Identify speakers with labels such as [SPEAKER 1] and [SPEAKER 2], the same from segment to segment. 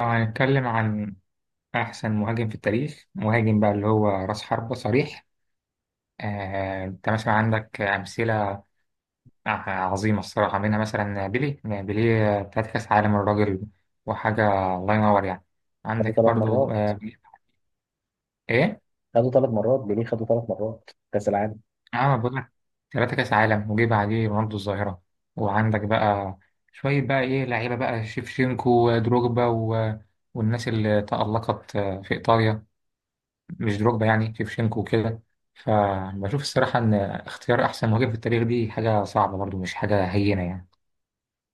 [SPEAKER 1] لو هنتكلم عن أحسن مهاجم في التاريخ، مهاجم بقى اللي هو رأس حربة صريح. أنت مثلا عندك أمثلة عظيمة الصراحة، منها مثلا بيلي بتاعت كأس عالم، الراجل وحاجة الله ينور يعني.
[SPEAKER 2] خدوا
[SPEAKER 1] عندك
[SPEAKER 2] ثلاث
[SPEAKER 1] برضو
[SPEAKER 2] مرات
[SPEAKER 1] آه، إيه؟
[SPEAKER 2] خدوا ثلاث مرات بيليه، خدوا ثلاث مرات كأس العالم.
[SPEAKER 1] أه بقول لك، ثلاثة كأس عالم وجيب عليه رونالدو الظاهرة. وعندك بقى شوية بقى إيه لعيبة بقى، شيفشينكو ودروجبا والناس اللي تألقت في إيطاليا، مش دروجبا يعني، شيفشينكو وكده. فبشوف الصراحة إن اختيار أحسن مهاجم في التاريخ دي حاجة صعبة برضو، مش حاجة هينة يعني.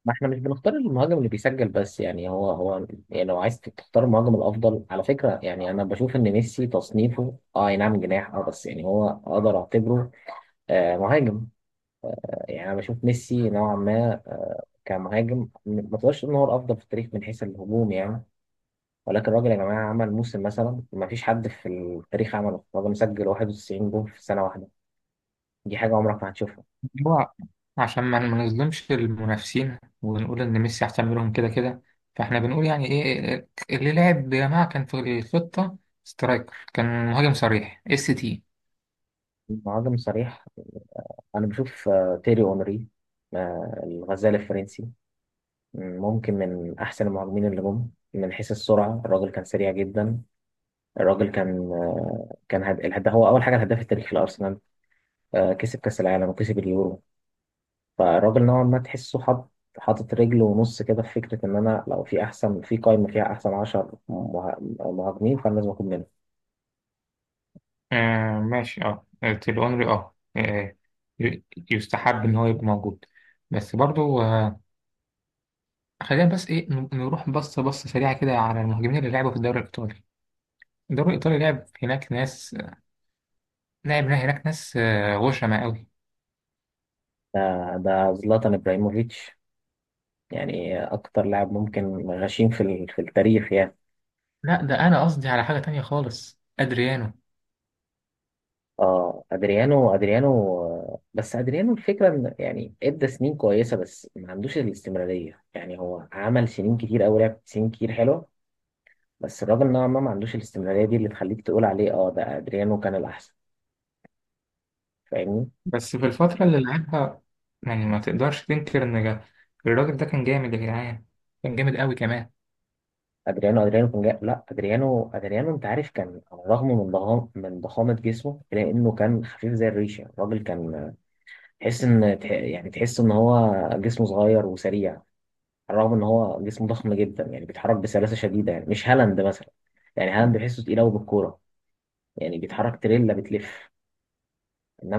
[SPEAKER 2] ما احنا مش بنختار المهاجم اللي بيسجل بس، يعني هو يعني لو عايز تختار المهاجم الافضل على فكره، يعني انا بشوف ان ميسي تصنيفه أي نعم جناح، بس يعني هو اقدر اعتبره مهاجم. يعني انا بشوف ميسي نوعا ما كمهاجم، ما تقدرش ان هو الافضل في التاريخ من حيث الهجوم يعني. ولكن الراجل يا جماعه عمل موسم مثلا ما فيش حد في التاريخ عمله، الراجل مسجل 91 جول في سنه واحده. دي حاجه عمرك ما هتشوفها.
[SPEAKER 1] هو عشان ما نظلمش المنافسين ونقول إن ميسي أحسن منهم كده كده، فإحنا بنقول يعني إيه اللي لعب يا جماعة، كان في الخطة سترايكر، كان مهاجم صريح، اس تي.
[SPEAKER 2] مهاجم صريح. أنا بشوف تيري أونري، آه، الغزال الفرنسي، ممكن من أحسن المهاجمين اللي جم، من حيث السرعة الراجل كان سريع جدا. الراجل كان كان الهداف، هو أول حاجة الهداف التاريخي لأرسنال. آه، كسب كأس العالم وكسب اليورو. فالراجل نوعا ما تحسه حاطط رجل ونص كده في فكرة إن أنا لو في أحسن، في قائمة فيها أحسن 10 مهاجمين فأنا لازم أكون منهم.
[SPEAKER 1] آه ماشي، اه تيل اونري اه آه، ي- يستحب ان هو يبقى موجود. بس برضو آه، خلينا بس ايه نروح بصة بصة سريعة كده على المهاجمين اللي لعبوا في الدوري الإيطالي. الدوري الإيطالي لعب هناك ناس، لعب هناك ناس غشمة قوي.
[SPEAKER 2] ده ده زلاتان إبراهيموفيتش، يعني أكتر لاعب ممكن غشيم في في التاريخ يعني.
[SPEAKER 1] لا ده أنا قصدي على حاجة تانية خالص، أدريانو.
[SPEAKER 2] اه ادريانو، ادريانو، آه، بس ادريانو الفكره ان يعني ادى سنين كويسه بس ما عندوش الاستمراريه. يعني هو عمل سنين كتير قوي، لعب سنين كتير حلوه، بس الراجل نوعا ما ما عندوش الاستمراريه دي اللي تخليك تقول عليه اه ده ادريانو كان الاحسن. فاهمني؟
[SPEAKER 1] بس في الفترة اللي لعبها، يعني ما تقدرش تنكر إن الراجل ده كان جامد يا جدعان، كان جامد قوي كمان.
[SPEAKER 2] ادريانو ادريانو كان جاي لا ادريانو، ادريانو، انت عارف، كان على الرغم من ضخامه جسمه الا انه كان خفيف زي الريشه. الراجل كان، آه، تحس ان هو جسمه صغير وسريع، رغم ان هو جسمه ضخم جدا. يعني بيتحرك بسلاسه شديده، يعني مش هالاند مثلا. يعني هالاند بحسه تقيل قوي بالكوره، يعني بيتحرك تريلا بتلف.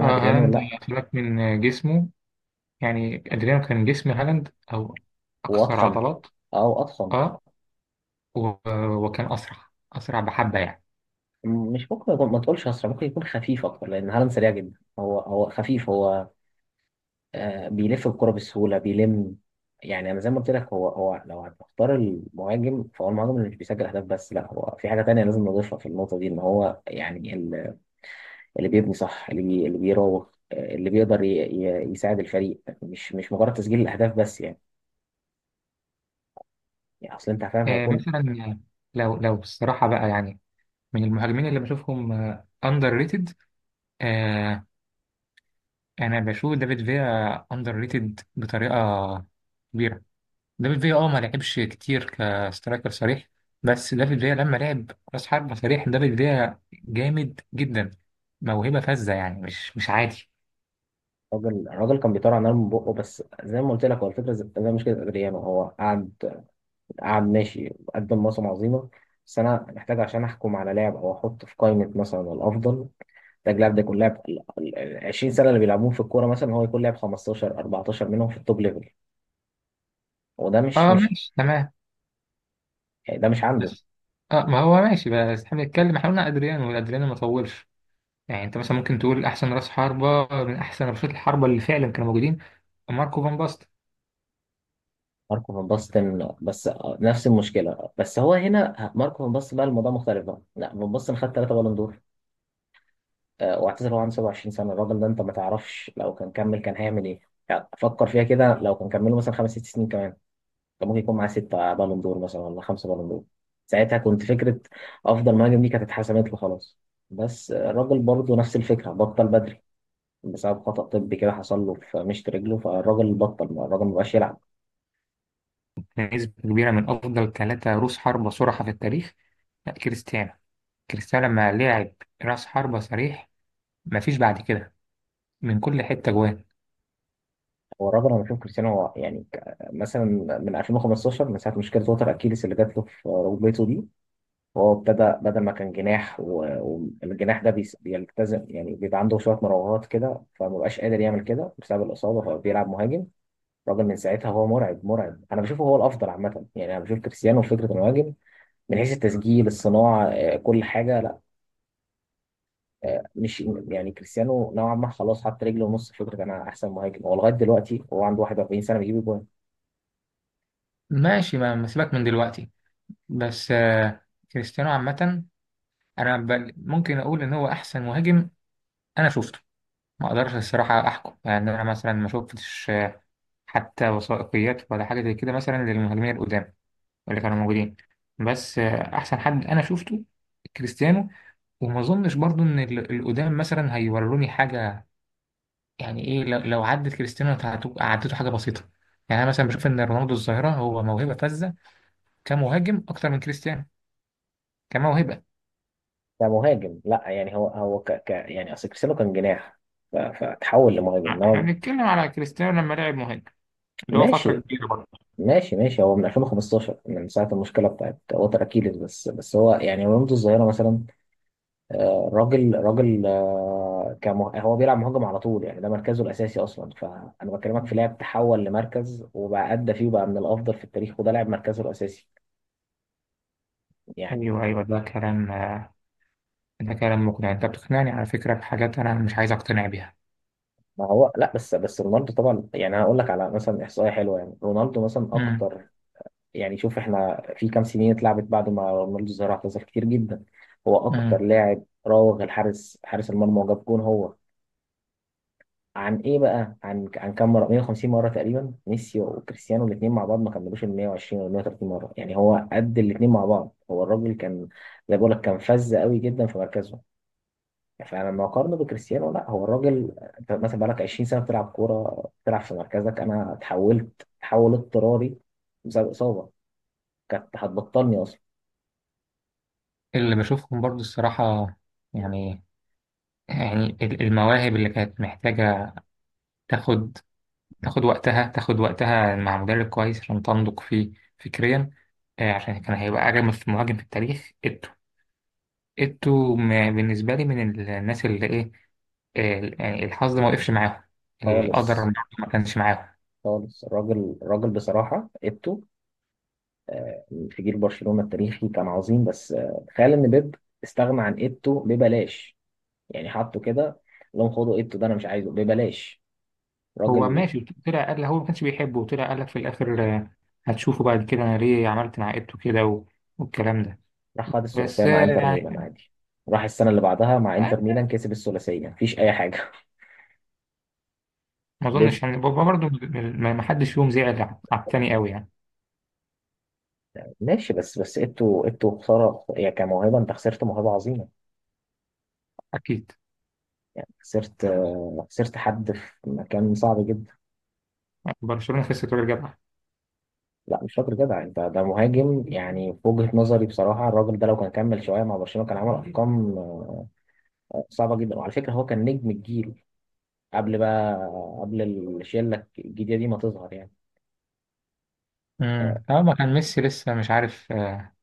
[SPEAKER 1] اه
[SPEAKER 2] ادريانو
[SPEAKER 1] هالاند
[SPEAKER 2] لا.
[SPEAKER 1] خلاك من جسمه، يعني أدريانو كان جسم هالاند أو
[SPEAKER 2] هو
[SPEAKER 1] أكثر
[SPEAKER 2] اضخم
[SPEAKER 1] عضلات.
[SPEAKER 2] او اضخم.
[SPEAKER 1] اه و- وكان أسرع، أسرع بحبة يعني.
[SPEAKER 2] مش ممكن يكون، ما تقولش اسرع، ممكن يكون خفيف اكتر، لان هالاند سريع جدا. هو هو خفيف. آه بيلف الكوره بسهوله، بيلم. يعني انا زي ما قلت لك، هو لو هتختار المهاجم، فهو المهاجم اللي مش بيسجل اهداف بس، لا هو في حاجه تانية لازم نضيفها في النقطه دي، ان هو يعني اللي بيبني صح، اللي بيراوغ، آه، اللي بيقدر يساعد الفريق، مش مجرد تسجيل الاهداف بس يعني. يعني اصل انت فاهم
[SPEAKER 1] آه
[SPEAKER 2] هيكون.
[SPEAKER 1] مثلا، لو لو بصراحة بقى يعني، من المهاجمين اللي بشوفهم أندر ريتد، انا بشوف دافيد فيا اندر ريتد بطريقه كبيره. دافيد فيا اه ما لعبش كتير كسترايكر صريح، بس دافيد فيا لما لعب راس حربة صريح، دافيد فيا جامد جدا، موهبه فذه يعني، مش عادي.
[SPEAKER 2] الراجل كان بيطلع نار من بقه، بس زي ما قلت لك هو الفكره زي مشكله ادريانو. هو قعد، قعد ماشي، قدم موسم عظيمه، بس انا محتاج عشان احكم على لاعب او احط في قائمه مثلا الافضل، محتاج لاعب ده يكون لاعب ال 20 سنه اللي بيلعبوهم في الكوره، مثلا هو يكون لاعب 15 14 منهم في التوب ليفل. وده مش
[SPEAKER 1] اه
[SPEAKER 2] مش
[SPEAKER 1] ماشي تمام.
[SPEAKER 2] يعني ده مش عنده.
[SPEAKER 1] بس اه، ما هو ماشي، بس احنا بنتكلم، احنا قلنا ادريانو والادريانو ما طولش، يعني انت مثلا ممكن تقول احسن راس حربة من احسن رشات الحربة اللي فعلا كانوا موجودين، ماركو فان باستن.
[SPEAKER 2] ماركو فان باستن، بس آه، نفس المشكله. بس هو هنا ماركو فان باستن بقى الموضوع مختلف بقى، لا فان باستن خد ثلاثه بالون دور، آه، واعتزل وهو عنده 27 سنه. الراجل ده انت ما تعرفش لو كان كمل كان هيعمل ايه. يعني فكر فيها كده، لو كان كمله مثلا خمس ست سنين كمان، كان ممكن يكون معاه سته بالون دور مثلا، ولا خمسه بالون دور، ساعتها كنت فكره افضل مهاجم دي كانت اتحسمت له خلاص. بس آه، الراجل برضه نفس الفكره، بطل بدري بسبب خطأ طبي كده حصل له في مشط رجله. فالراجل بطل، الراجل ما بقاش يلعب.
[SPEAKER 1] نسبة كبيرة من أفضل ثلاثة رؤوس حربة صرحة في التاريخ. لا كريستيانو، كريستيانو لما لعب راس حربة صريح مفيش بعد كده، من كل حتة جوان.
[SPEAKER 2] هو الراجل، انا بشوف كريستيانو هو يعني مثلا من 2015، من ساعه مشكله وتر اكيليس اللي جات له في ركبته دي، هو ابتدى بدل ما كان جناح، والجناح ده بيلتزم يعني، بيبقى عنده شويه مراوغات كده، فما بقاش قادر يعمل كده بسبب الاصابه، فبيلعب مهاجم. الراجل من ساعتها هو مرعب، مرعب. انا بشوفه هو الافضل عامه. يعني انا بشوف كريستيانو في فكره المهاجم، من حيث التسجيل، الصناعه، آه، كل حاجه، لا. آه، مش يعني كريستيانو نوعا ما خلاص حط رجله ونص في فكره انا احسن مهاجم، هو لغايه دلوقتي هو عنده 41 سنه بيجيب جوان.
[SPEAKER 1] ماشي ما سيبك من دلوقتي، بس آه، كريستيانو عامة أنا ممكن أقول إن هو أحسن مهاجم أنا شفته. ما أقدرش الصراحة أحكم، يعني أنا مثلا ما شفتش حتى وثائقيات ولا حاجة زي كده مثلا للمهاجمين القدام اللي كانوا موجودين. بس آه، أحسن حد أنا شفته كريستيانو. وما أظنش برضو إن القدام مثلا هيوروني حاجة. يعني ايه، لو لو عدت كريستيانو، انت عدته حاجه بسيطه، يعني انا مثلا بشوف ان رونالدو الظاهره هو موهبه فذه كمهاجم اكتر من كريستيانو، كموهبه.
[SPEAKER 2] ده مهاجم، لا يعني هو يعني اصل كريستيانو كان جناح فتحول لمهاجم،
[SPEAKER 1] نعم، احنا
[SPEAKER 2] انما.
[SPEAKER 1] بنتكلم على كريستيانو لما لعب مهاجم، اللي هو فتره
[SPEAKER 2] ماشي،
[SPEAKER 1] كبيره برضه.
[SPEAKER 2] ماشي، ماشي. هو من 2015، من ساعة المشكلة بتاعت وتر أكيليس. بس هو يعني رونالدو الظاهرة مثلا، آه، راجل آه، هو بيلعب مهاجم على طول يعني، ده مركزه الأساسي أصلا. فأنا بكلمك في
[SPEAKER 1] مم.
[SPEAKER 2] لاعب تحول لمركز وبقى أدى فيه، وبقى من الأفضل في التاريخ، وده لاعب مركزه الأساسي يعني.
[SPEAKER 1] ايوه ايوه، ده كلام آه، ده كلام مقنع، انت بتقنعني على فكره بحاجات انا مش عايز اقتنع بيها.
[SPEAKER 2] ما هو لا، بس رونالدو طبعا، يعني هقول لك على مثلا احصائيه حلوه. يعني رونالدو مثلا
[SPEAKER 1] امم،
[SPEAKER 2] اكتر، يعني شوف، احنا في كام سنين اتلعبت بعد ما رونالدو الظاهرة اعتزل كتير جدا. هو اكتر
[SPEAKER 1] امم،
[SPEAKER 2] لاعب راوغ حارس المرمى وجاب جون. هو عن ايه بقى عن عن كام مره؟ 150 مره تقريبا. ميسي وكريستيانو الاثنين مع بعض ما كملوش ال 120 ولا 130 مره، يعني هو قد الاثنين مع بعض. هو الراجل كان، زي ما بقول لك، كان فذ قوي جدا في مركزه. فانا لما اقارنه بكريستيانو، لا هو الراجل. انت مثلا بقالك 20 سنه بتلعب كوره، بتلعب في مركزك، انا اتحولت تحول اضطراري بسبب اصابه كانت هتبطلني اصلا.
[SPEAKER 1] اللي بشوفهم برضو الصراحه، يعني، يعني المواهب اللي كانت محتاجه تاخد تاخد وقتها، تاخد وقتها مع مدرب كويس عشان تنضج فيه فكريا، آه، عشان كان هيبقى أجمل مهاجم في التاريخ إيتو. إيتو بالنسبة لي من الناس اللي إيه، يعني الحظ ما وقفش معاهم، القدر
[SPEAKER 2] خالص.
[SPEAKER 1] برضه ما كانش معاهم.
[SPEAKER 2] خالص، الراجل، الراجل، بصراحة ايتو في جيل برشلونة التاريخي كان عظيم. بس آه، تخيل ان بيب استغنى عن ايتو ببلاش، يعني حطه كده قال لهم خدوا ايتو ده انا مش عايزه، ببلاش.
[SPEAKER 1] هو
[SPEAKER 2] راجل.
[SPEAKER 1] ماشي، طلع قال هو ما كانش بيحبه، وطلع قال لك في الاخر آه، هتشوفوا بعد كده انا ليه عملت مع ابته كده والكلام ده.
[SPEAKER 2] راح خد الثلاثية
[SPEAKER 1] بس
[SPEAKER 2] مع
[SPEAKER 1] آه،
[SPEAKER 2] انتر ميلان
[SPEAKER 1] يعني
[SPEAKER 2] عادي، راح السنة اللي بعدها مع
[SPEAKER 1] آه،
[SPEAKER 2] انتر ميلان كسب الثلاثية، مفيش أي حاجة.
[SPEAKER 1] ما
[SPEAKER 2] بيب.
[SPEAKER 1] اظنش يعني برضه، ما حدش فيهم زعل على التاني قوي يعني.
[SPEAKER 2] ماشي، بس ايتو، ايتو خسارة يعني، كموهبة أنت خسرت موهبة عظيمة،
[SPEAKER 1] اكيد،
[SPEAKER 2] خسرت آه، خسرت حد في مكان صعب جدا.
[SPEAKER 1] برشلونة خسرت ورجعت.
[SPEAKER 2] لا مش فاكر جدع انت، ده مهاجم يعني، في وجهة نظري بصراحة الراجل ده لو كان كمل شوية مع برشلونة كان عمل أرقام آه، صعبة جدا. وعلى فكرة هو كان نجم الجيل، قبل بقى قبل الشلة الجديدة دي ما تظهر يعني.
[SPEAKER 1] امم، اه ما كان ميسي لسه مش عارف آه،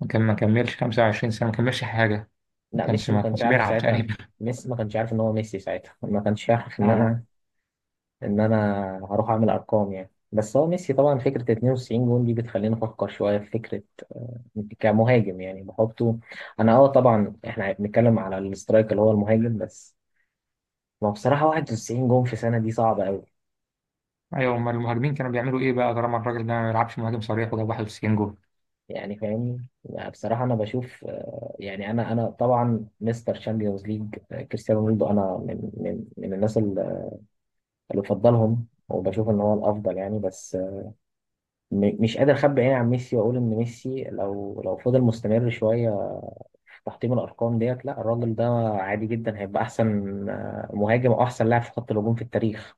[SPEAKER 1] ما كان ما كملش 25 سنة، ما كملش حاجة، ما
[SPEAKER 2] لا
[SPEAKER 1] كانش
[SPEAKER 2] ميسي ما
[SPEAKER 1] ما
[SPEAKER 2] كانش
[SPEAKER 1] كانش
[SPEAKER 2] عارف
[SPEAKER 1] بيلعب
[SPEAKER 2] ساعتها،
[SPEAKER 1] تقريبا.
[SPEAKER 2] ميسي ما كانش عارف ان هو ميسي ساعتها. ما كانش عارف ان
[SPEAKER 1] آه.
[SPEAKER 2] انا ان انا هروح اعمل ارقام يعني. بس هو ميسي طبعا فكرة 92 جون دي بتخليني افكر شوية في فكرة كمهاجم، يعني بحطه. انا اه طبعا احنا بنتكلم على الاسترايك اللي هو المهاجم بس. ما بصراحة 91 جون في سنة دي صعبة أوي
[SPEAKER 1] ايوه، امال المهاجمين كانوا بيعملوا ايه بقى، طالما الراجل ده ما بيلعبش مهاجم صريح وجاب 91 جول؟
[SPEAKER 2] يعني، فاهمني؟ يعني بصراحة أنا بشوف، آه، يعني أنا طبعا مستر شامبيونز ليج كريستيانو رونالدو، أنا من الناس اللي بفضلهم وبشوف إن هو الأفضل يعني. بس آه، مش قادر أخبي عيني عن ميسي وأقول إن ميسي لو فضل مستمر شوية في تحطيم الأرقام ديت، لا الراجل ده عادي جدا هيبقى أحسن آه، مهاجم، أو أحسن لاعب في خط الهجوم في التاريخ.